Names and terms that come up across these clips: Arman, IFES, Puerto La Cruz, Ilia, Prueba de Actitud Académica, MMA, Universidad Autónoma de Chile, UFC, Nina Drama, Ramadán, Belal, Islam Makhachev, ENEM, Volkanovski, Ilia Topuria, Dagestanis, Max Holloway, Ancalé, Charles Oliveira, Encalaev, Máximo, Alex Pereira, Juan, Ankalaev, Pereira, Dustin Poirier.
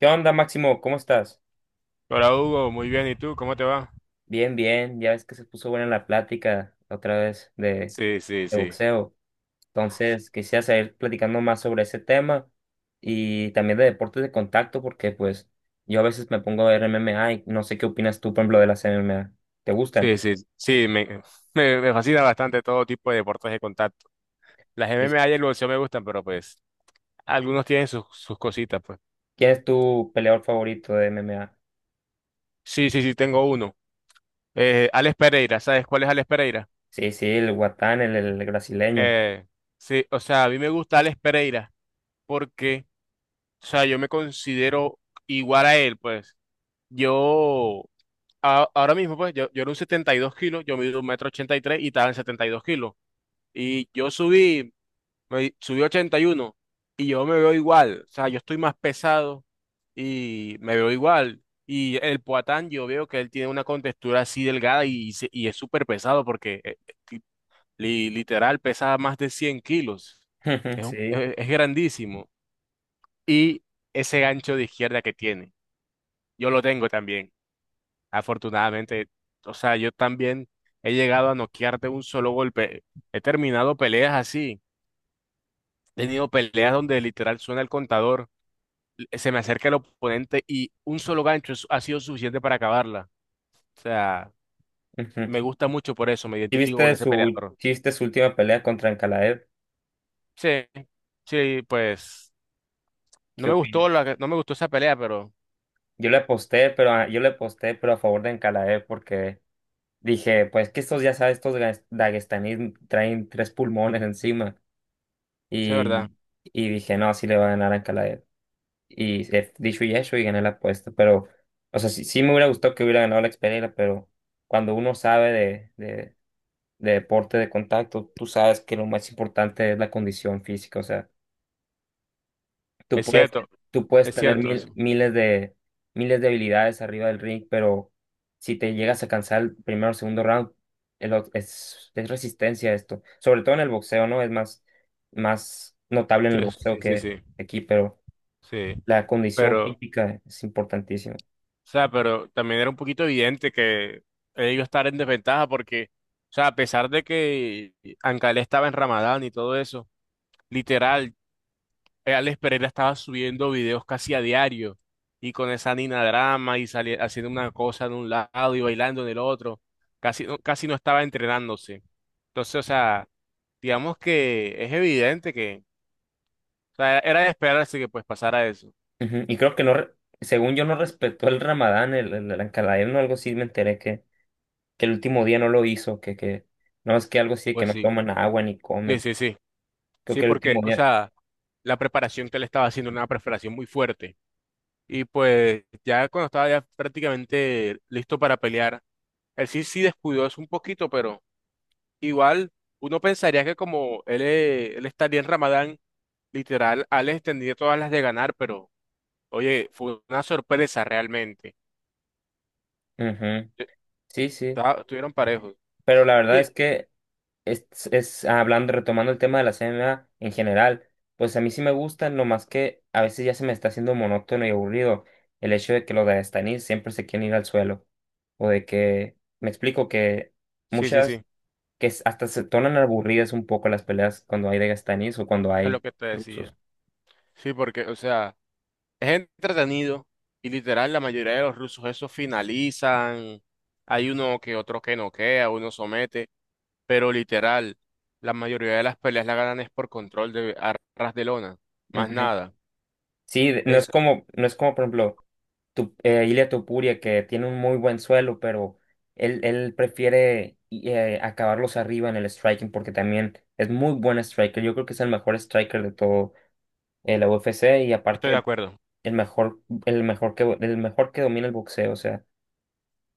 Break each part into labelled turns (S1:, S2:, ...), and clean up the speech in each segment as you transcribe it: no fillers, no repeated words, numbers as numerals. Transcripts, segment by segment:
S1: ¿Qué onda, Máximo? ¿Cómo estás?
S2: Hola Hugo, muy bien. ¿Y tú? ¿Cómo te va?
S1: Bien, bien. Ya ves que se puso buena la plática otra vez de,
S2: Sí, sí,
S1: de
S2: sí.
S1: boxeo. Entonces, quisiera seguir platicando más sobre ese tema y también de deportes de contacto, porque pues yo a veces me pongo a ver MMA y no sé qué opinas tú, por ejemplo, de las MMA. ¿Te gustan?
S2: Sí, sí, sí. Me fascina bastante todo tipo de deportes de contacto. Las
S1: ¿Y
S2: MMA y el boxeo me gustan, pero pues algunos tienen sus cositas, pues.
S1: ¿Quién es tu peleador favorito de MMA?
S2: Sí, sí, sí, tengo uno. Alex Pereira, ¿sabes cuál es Alex Pereira?
S1: Sí, sí, el Guatán, el brasileño.
S2: Eh, sí, o sea, a mí me gusta Alex Pereira porque, o sea, yo me considero igual a él, pues. Yo, ahora mismo, pues, yo era un 72 kilos, yo mido 1,83 metros y estaba en 72 kilos. Y yo subí. Me subí 81 y yo me veo igual. O sea, yo estoy más pesado y me veo igual. Y el Poatán, yo veo que él tiene una contextura así delgada y, y es súper pesado porque li- literal pesa más de 100 kilos. Es,
S1: Sí.
S2: es grandísimo. Y ese gancho de izquierda que tiene, yo lo tengo también. Afortunadamente, o sea, yo también he llegado a noquear de un solo golpe. He terminado peleas así. He tenido peleas donde literal suena el contador, se me acerca el oponente y un solo gancho ha sido suficiente para acabarla. O sea,
S1: Ujú.
S2: me gusta mucho por eso, me
S1: ¿Sí
S2: identifico con
S1: viste
S2: ese
S1: su,
S2: peleador.
S1: sí viste su última pelea contra Ankalaev?
S2: Sí, sí, pues
S1: ¿Qué opinas?
S2: no me gustó esa pelea, pero
S1: Yo le aposté, pero a favor de Encalaev porque dije, pues que estos, ya sabes, daguestanís traen tres pulmones encima.
S2: sí, es verdad.
S1: Y, y dije, no, sí le va a ganar a Encalaev. Y dicho y hecho, y gané la apuesta. Pero, o sea, sí, sí me hubiera gustado que hubiera ganado la Pereira, pero cuando uno sabe de deporte de contacto, tú sabes que lo más importante es la condición física. O sea, Tú
S2: Es
S1: puedes,
S2: cierto,
S1: tú puedes
S2: es
S1: tener
S2: cierto
S1: mil-
S2: eso.
S1: miles de, miles de habilidades arriba del ring, pero si te llegas a cansar el primero o segundo round, es resistencia esto. Sobre todo en el boxeo, ¿no? Es más, más notable en
S2: Sí,
S1: el boxeo
S2: sí, sí,
S1: que
S2: sí,
S1: aquí, pero
S2: sí.
S1: la condición
S2: Pero, o
S1: física es importantísima.
S2: sea, pero también era un poquito evidente que ellos estaban en desventaja porque, o sea, a pesar de que Ancalé estaba en Ramadán y todo eso, literal, Alex Pereira estaba subiendo videos casi a diario y con esa Nina Drama y haciendo una cosa de un lado y bailando en el otro. Casi no estaba entrenándose. Entonces, o sea, digamos que es evidente que, o sea, era de esperarse que pues pasara eso.
S1: Ujú. Y creo que no, según yo no respetó el Ramadán, el Ankalaev, no, algo así me enteré que el último día no lo hizo, que no es que algo así, que
S2: Pues
S1: no
S2: sí,
S1: toman agua ni
S2: sí,
S1: comen.
S2: sí, sí.
S1: Creo
S2: Sí,
S1: que el
S2: porque,
S1: último
S2: o
S1: día.
S2: sea, la preparación que él estaba haciendo era una preparación muy fuerte. Y pues ya cuando estaba ya prácticamente listo para pelear, él sí descuidó eso un poquito, pero... Igual, uno pensaría que como él estaría en Ramadán, literal, Alex tendría todas las de ganar, pero oye, fue una sorpresa realmente.
S1: Ujú.
S2: Eh,
S1: Sí, sí,
S2: Estuvieron parejos.
S1: pero la verdad
S2: Oye,
S1: es que es, es hablando, retomando el tema de la CMA en general, pues a mí sí me gusta, no más que a veces ya se me está haciendo monótono y aburrido el hecho de que los Dagestanis siempre se quieren ir al suelo, o de que, me explico, que
S2: sí, sí, sí,
S1: muchas,
S2: eso
S1: hasta se tornan aburridas un poco las peleas cuando hay Dagestanis o cuando
S2: es lo
S1: hay
S2: que te
S1: rusos.
S2: decía. Sí, porque, o sea, es entretenido y literal, la mayoría de los rusos esos finalizan, hay uno que otro que noquea, uno somete, pero literal, la mayoría de las peleas la ganan es por control de arras de lona, más nada.
S1: Sí, no es
S2: Es,
S1: como, no es como por ejemplo tu, Ilia Topuria que tiene un muy buen suelo, pero él prefiere acabarlos arriba en el striking porque también es muy buen striker. Yo creo que es el mejor striker de todo la UFC y
S2: estoy de
S1: aparte
S2: acuerdo.
S1: el mejor, el mejor que domina el boxeo. O sea,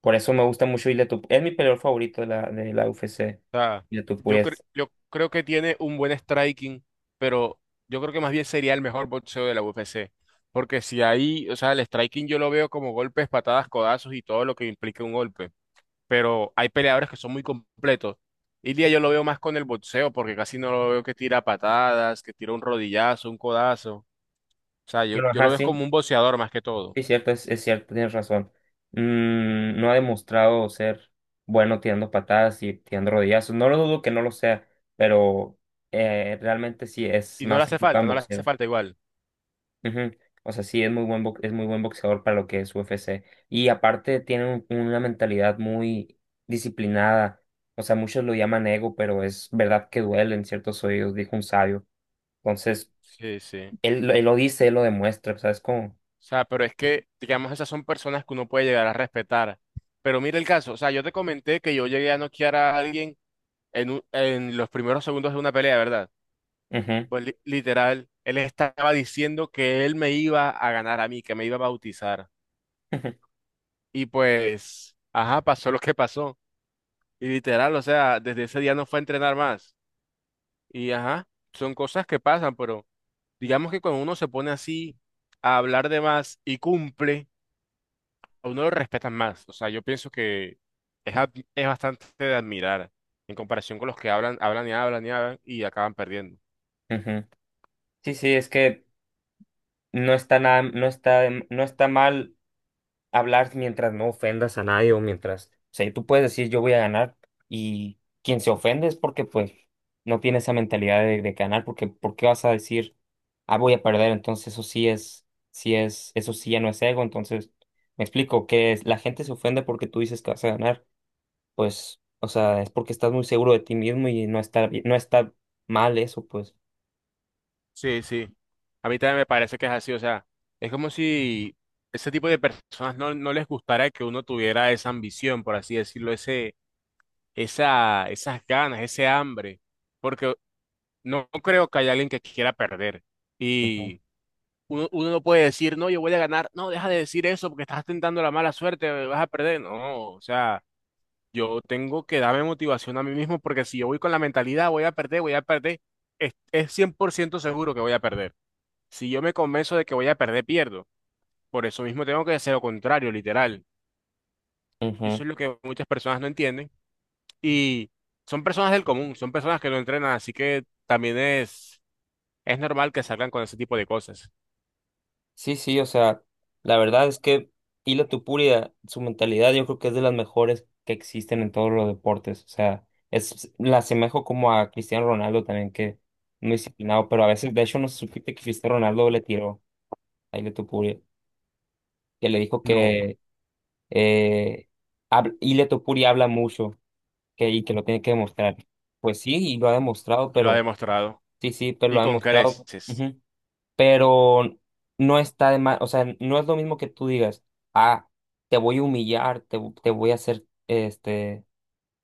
S1: por eso me gusta mucho Ilia Topuria. Es mi peleador favorito de la UFC.
S2: O sea,
S1: Ilia Topuria es-
S2: yo creo que tiene un buen striking, pero yo creo que más bien sería el mejor boxeo de la UFC. Porque si ahí, o sea, el striking yo lo veo como golpes, patadas, codazos y todo lo que implique un golpe. Pero hay peleadores que son muy completos. Ilia yo lo veo más con el boxeo, porque casi no lo veo que tira patadas, que tira un rodillazo, un codazo. O sea,
S1: Bueno,
S2: yo
S1: ajá,
S2: lo veo como
S1: sí.
S2: un boxeador más que todo.
S1: Es cierto, es cierto, tienes razón. No ha demostrado ser bueno tirando patadas y tirando rodillazos. No lo dudo que no lo sea, pero realmente sí es
S2: Y no le
S1: más
S2: hace
S1: enfocado
S2: falta,
S1: en
S2: no le hace
S1: boxeo.
S2: falta igual.
S1: Ujú. O sea, sí es muy buen boxeador para lo que es UFC. Y aparte tiene una mentalidad muy disciplinada. O sea, muchos lo llaman ego, pero es verdad que duele en ciertos oídos, dijo un sabio. Entonces,
S2: Sí, sí.
S1: él lo dice, él lo demuestra, ¿sabes cómo?
S2: O sea, pero es que, digamos, esas son personas que uno puede llegar a respetar. Pero mira el caso, o sea, yo te comenté que yo llegué a noquear a alguien en los primeros segundos de una pelea, ¿verdad?
S1: Ujú,
S2: Pues literal, él estaba diciendo que él me iba a ganar a mí, que me iba a bautizar.
S1: ujú,
S2: Y pues, ajá, pasó lo que pasó. Y literal, o sea, desde ese día no fue a entrenar más. Y ajá, son cosas que pasan, pero digamos que cuando uno se pone así a hablar de más y cumple, a uno lo respetan más. O sea, yo pienso que es bastante de admirar en comparación con los que hablan, hablan y hablan y hablan y acaban perdiendo.
S1: ujú. Sí, sí, es que no está nada, no está, no está mal hablar mientras no ofendas a nadie o mientras, o sea, tú puedes decir yo voy a ganar y quien se ofende es porque pues no tiene esa mentalidad de ganar, porque ¿por qué vas a decir ah voy a perder? Entonces eso sí ya no es ego, entonces me explico que la gente se ofende porque tú dices que vas a ganar, pues, o sea, es porque estás muy seguro de ti mismo y no está mal eso, pues.
S2: Sí, sí. A mí también me parece que es así. O sea, es como si ese tipo de personas no, no les gustara que uno tuviera esa ambición, por así decirlo, esas ganas, ese hambre. Porque no creo que haya alguien que quiera perder.
S1: Ujú,
S2: Y uno, uno no puede decir, no, yo voy a ganar. No, deja de decir eso porque estás tentando la mala suerte, vas a perder. No, o sea. Yo tengo que darme motivación a mí mismo porque si yo voy con la mentalidad voy a perder, es 100% seguro que voy a perder. Si yo me convenzo de que voy a perder, pierdo. Por eso mismo tengo que hacer lo contrario, literal. Y
S1: ujú.
S2: eso es lo que muchas personas no entienden. Y son personas del común, son personas que no entrenan, así que también es normal que salgan con ese tipo de cosas.
S1: Sí, sí, o sea, la verdad es que Hila Tupuria, su mentalidad yo creo que es de las mejores que existen en todos los deportes. O sea, la asemejo como a Cristiano Ronaldo también, que muy disciplinado, pero a veces, de hecho, no se supiste que Cristiano Ronaldo le tiró a Hila Tupuria, que le dijo
S2: No,
S1: que eh, Hila Topuria habla mucho que, y que lo tiene que demostrar. Pues sí, y lo ha demostrado,
S2: y lo ha
S1: pero
S2: demostrado.
S1: sí, sí, pero lo
S2: Y
S1: ha
S2: con
S1: demostrado.
S2: creces.
S1: Pero no está de más, o sea, no es lo mismo que tú digas, ah, te voy a humillar, te voy a hacer,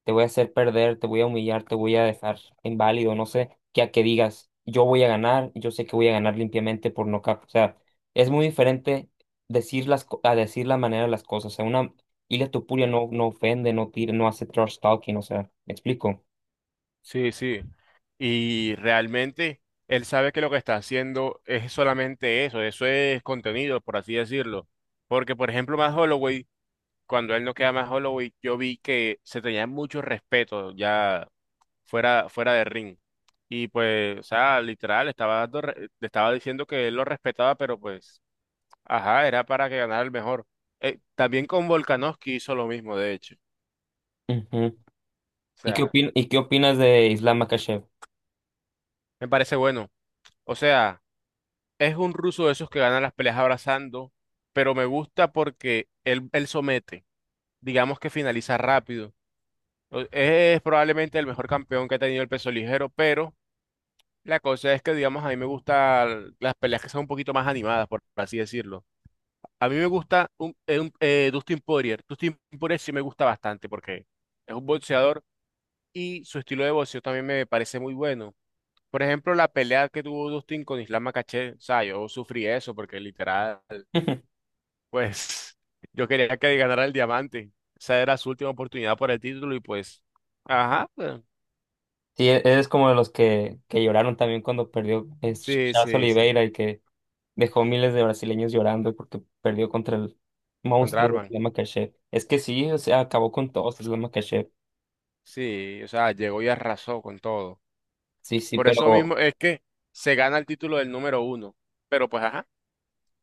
S1: te voy a hacer perder, te voy a humillar, te voy a dejar inválido, no sé, que a que digas, yo voy a ganar, yo sé que voy a ganar limpiamente por nocaut, o sea, es muy diferente decir a decir la manera de las cosas, o sea, una Ilia Topuria no, no ofende, no tira, no hace trash talking, o sea, ¿me explico?
S2: Sí, sí. Y realmente él sabe que lo que está haciendo es solamente eso, eso es contenido, por así decirlo. Porque, por ejemplo, más Holloway, cuando él no queda más Holloway, yo vi que se tenía mucho respeto ya fuera de ring. Y pues, o sea, literal, estaba le estaba diciendo que él lo respetaba, pero pues, ajá, era para que ganara el mejor. También con Volkanovski hizo lo mismo, de hecho.
S1: Ujú.
S2: O
S1: ¿Y qué
S2: sea,
S1: opin- y qué opinas de Islam Makhachev?
S2: me parece bueno. O sea. Es un ruso de esos que gana las peleas abrazando, pero me gusta porque él somete, digamos que finaliza rápido. Es probablemente el mejor campeón que ha tenido el peso ligero, pero la cosa es que, digamos, a mí me gustan las peleas que son un poquito más animadas, por así decirlo. A mí me gusta Dustin Poirier. Dustin Poirier sí me gusta bastante porque es un boxeador y su estilo de boxeo también me parece muy bueno. Por ejemplo, la pelea que tuvo Dustin con Islam Makhachev, o sea, yo sufrí eso porque literal. Pues yo quería que ganara el diamante. Esa era su última oportunidad por el título y pues, ajá, pues,
S1: Sí, eres como de los que lloraron también cuando perdió es
S2: sí,
S1: Charles
S2: sí, sí,
S1: Oliveira, el que dejó miles de brasileños llorando porque perdió contra el
S2: contra
S1: monstruo de
S2: Arman.
S1: Islam Makhachev. Es que sí, o sea, acabó con todos Islam Makhachev.
S2: Sí, o sea, llegó y arrasó con todo.
S1: Sí, sí,
S2: Por eso
S1: pero
S2: mismo es que se gana el título del número uno. Pero pues, ajá,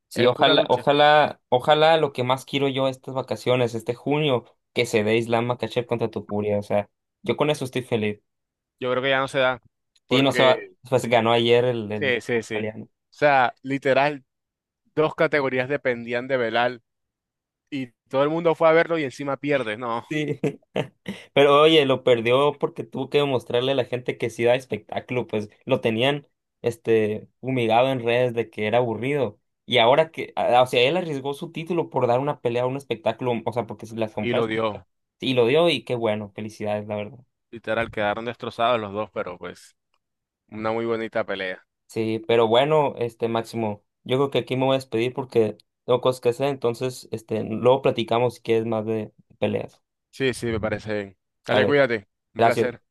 S1: sí,
S2: es pura
S1: ojalá,
S2: lucha.
S1: ojalá, ojalá lo que más quiero yo estas vacaciones, este junio, que se dé Islam Makhachev contra Tupuria. O sea, yo con eso estoy feliz.
S2: Yo creo que ya no se da
S1: Sí, no se va,
S2: porque,
S1: pues ganó ayer el
S2: sí, sí, sí. O
S1: australiano.
S2: sea, literal, dos categorías dependían de Belal y todo el mundo fue a verlo y encima pierde, no.
S1: Sí. Pero oye, lo perdió porque tuvo que demostrarle a la gente que sí da espectáculo, pues lo tenían humillado en redes de que era aburrido. Y ahora que, o sea, él arriesgó su título por dar una pelea a un espectáculo, o sea, porque si las
S2: Y
S1: compras
S2: lo dio.
S1: y lo dio y qué bueno, felicidades, la verdad.
S2: Literal, quedaron destrozados los dos, pero pues. Una muy bonita pelea.
S1: Sí, pero bueno, Máximo, yo creo que aquí me voy a despedir porque tengo cosas que hacer, entonces luego platicamos si quieres más de peleas.
S2: Sí, sí, me parece bien. Dale,
S1: Sale,
S2: cuídate. Un
S1: gracias.
S2: placer.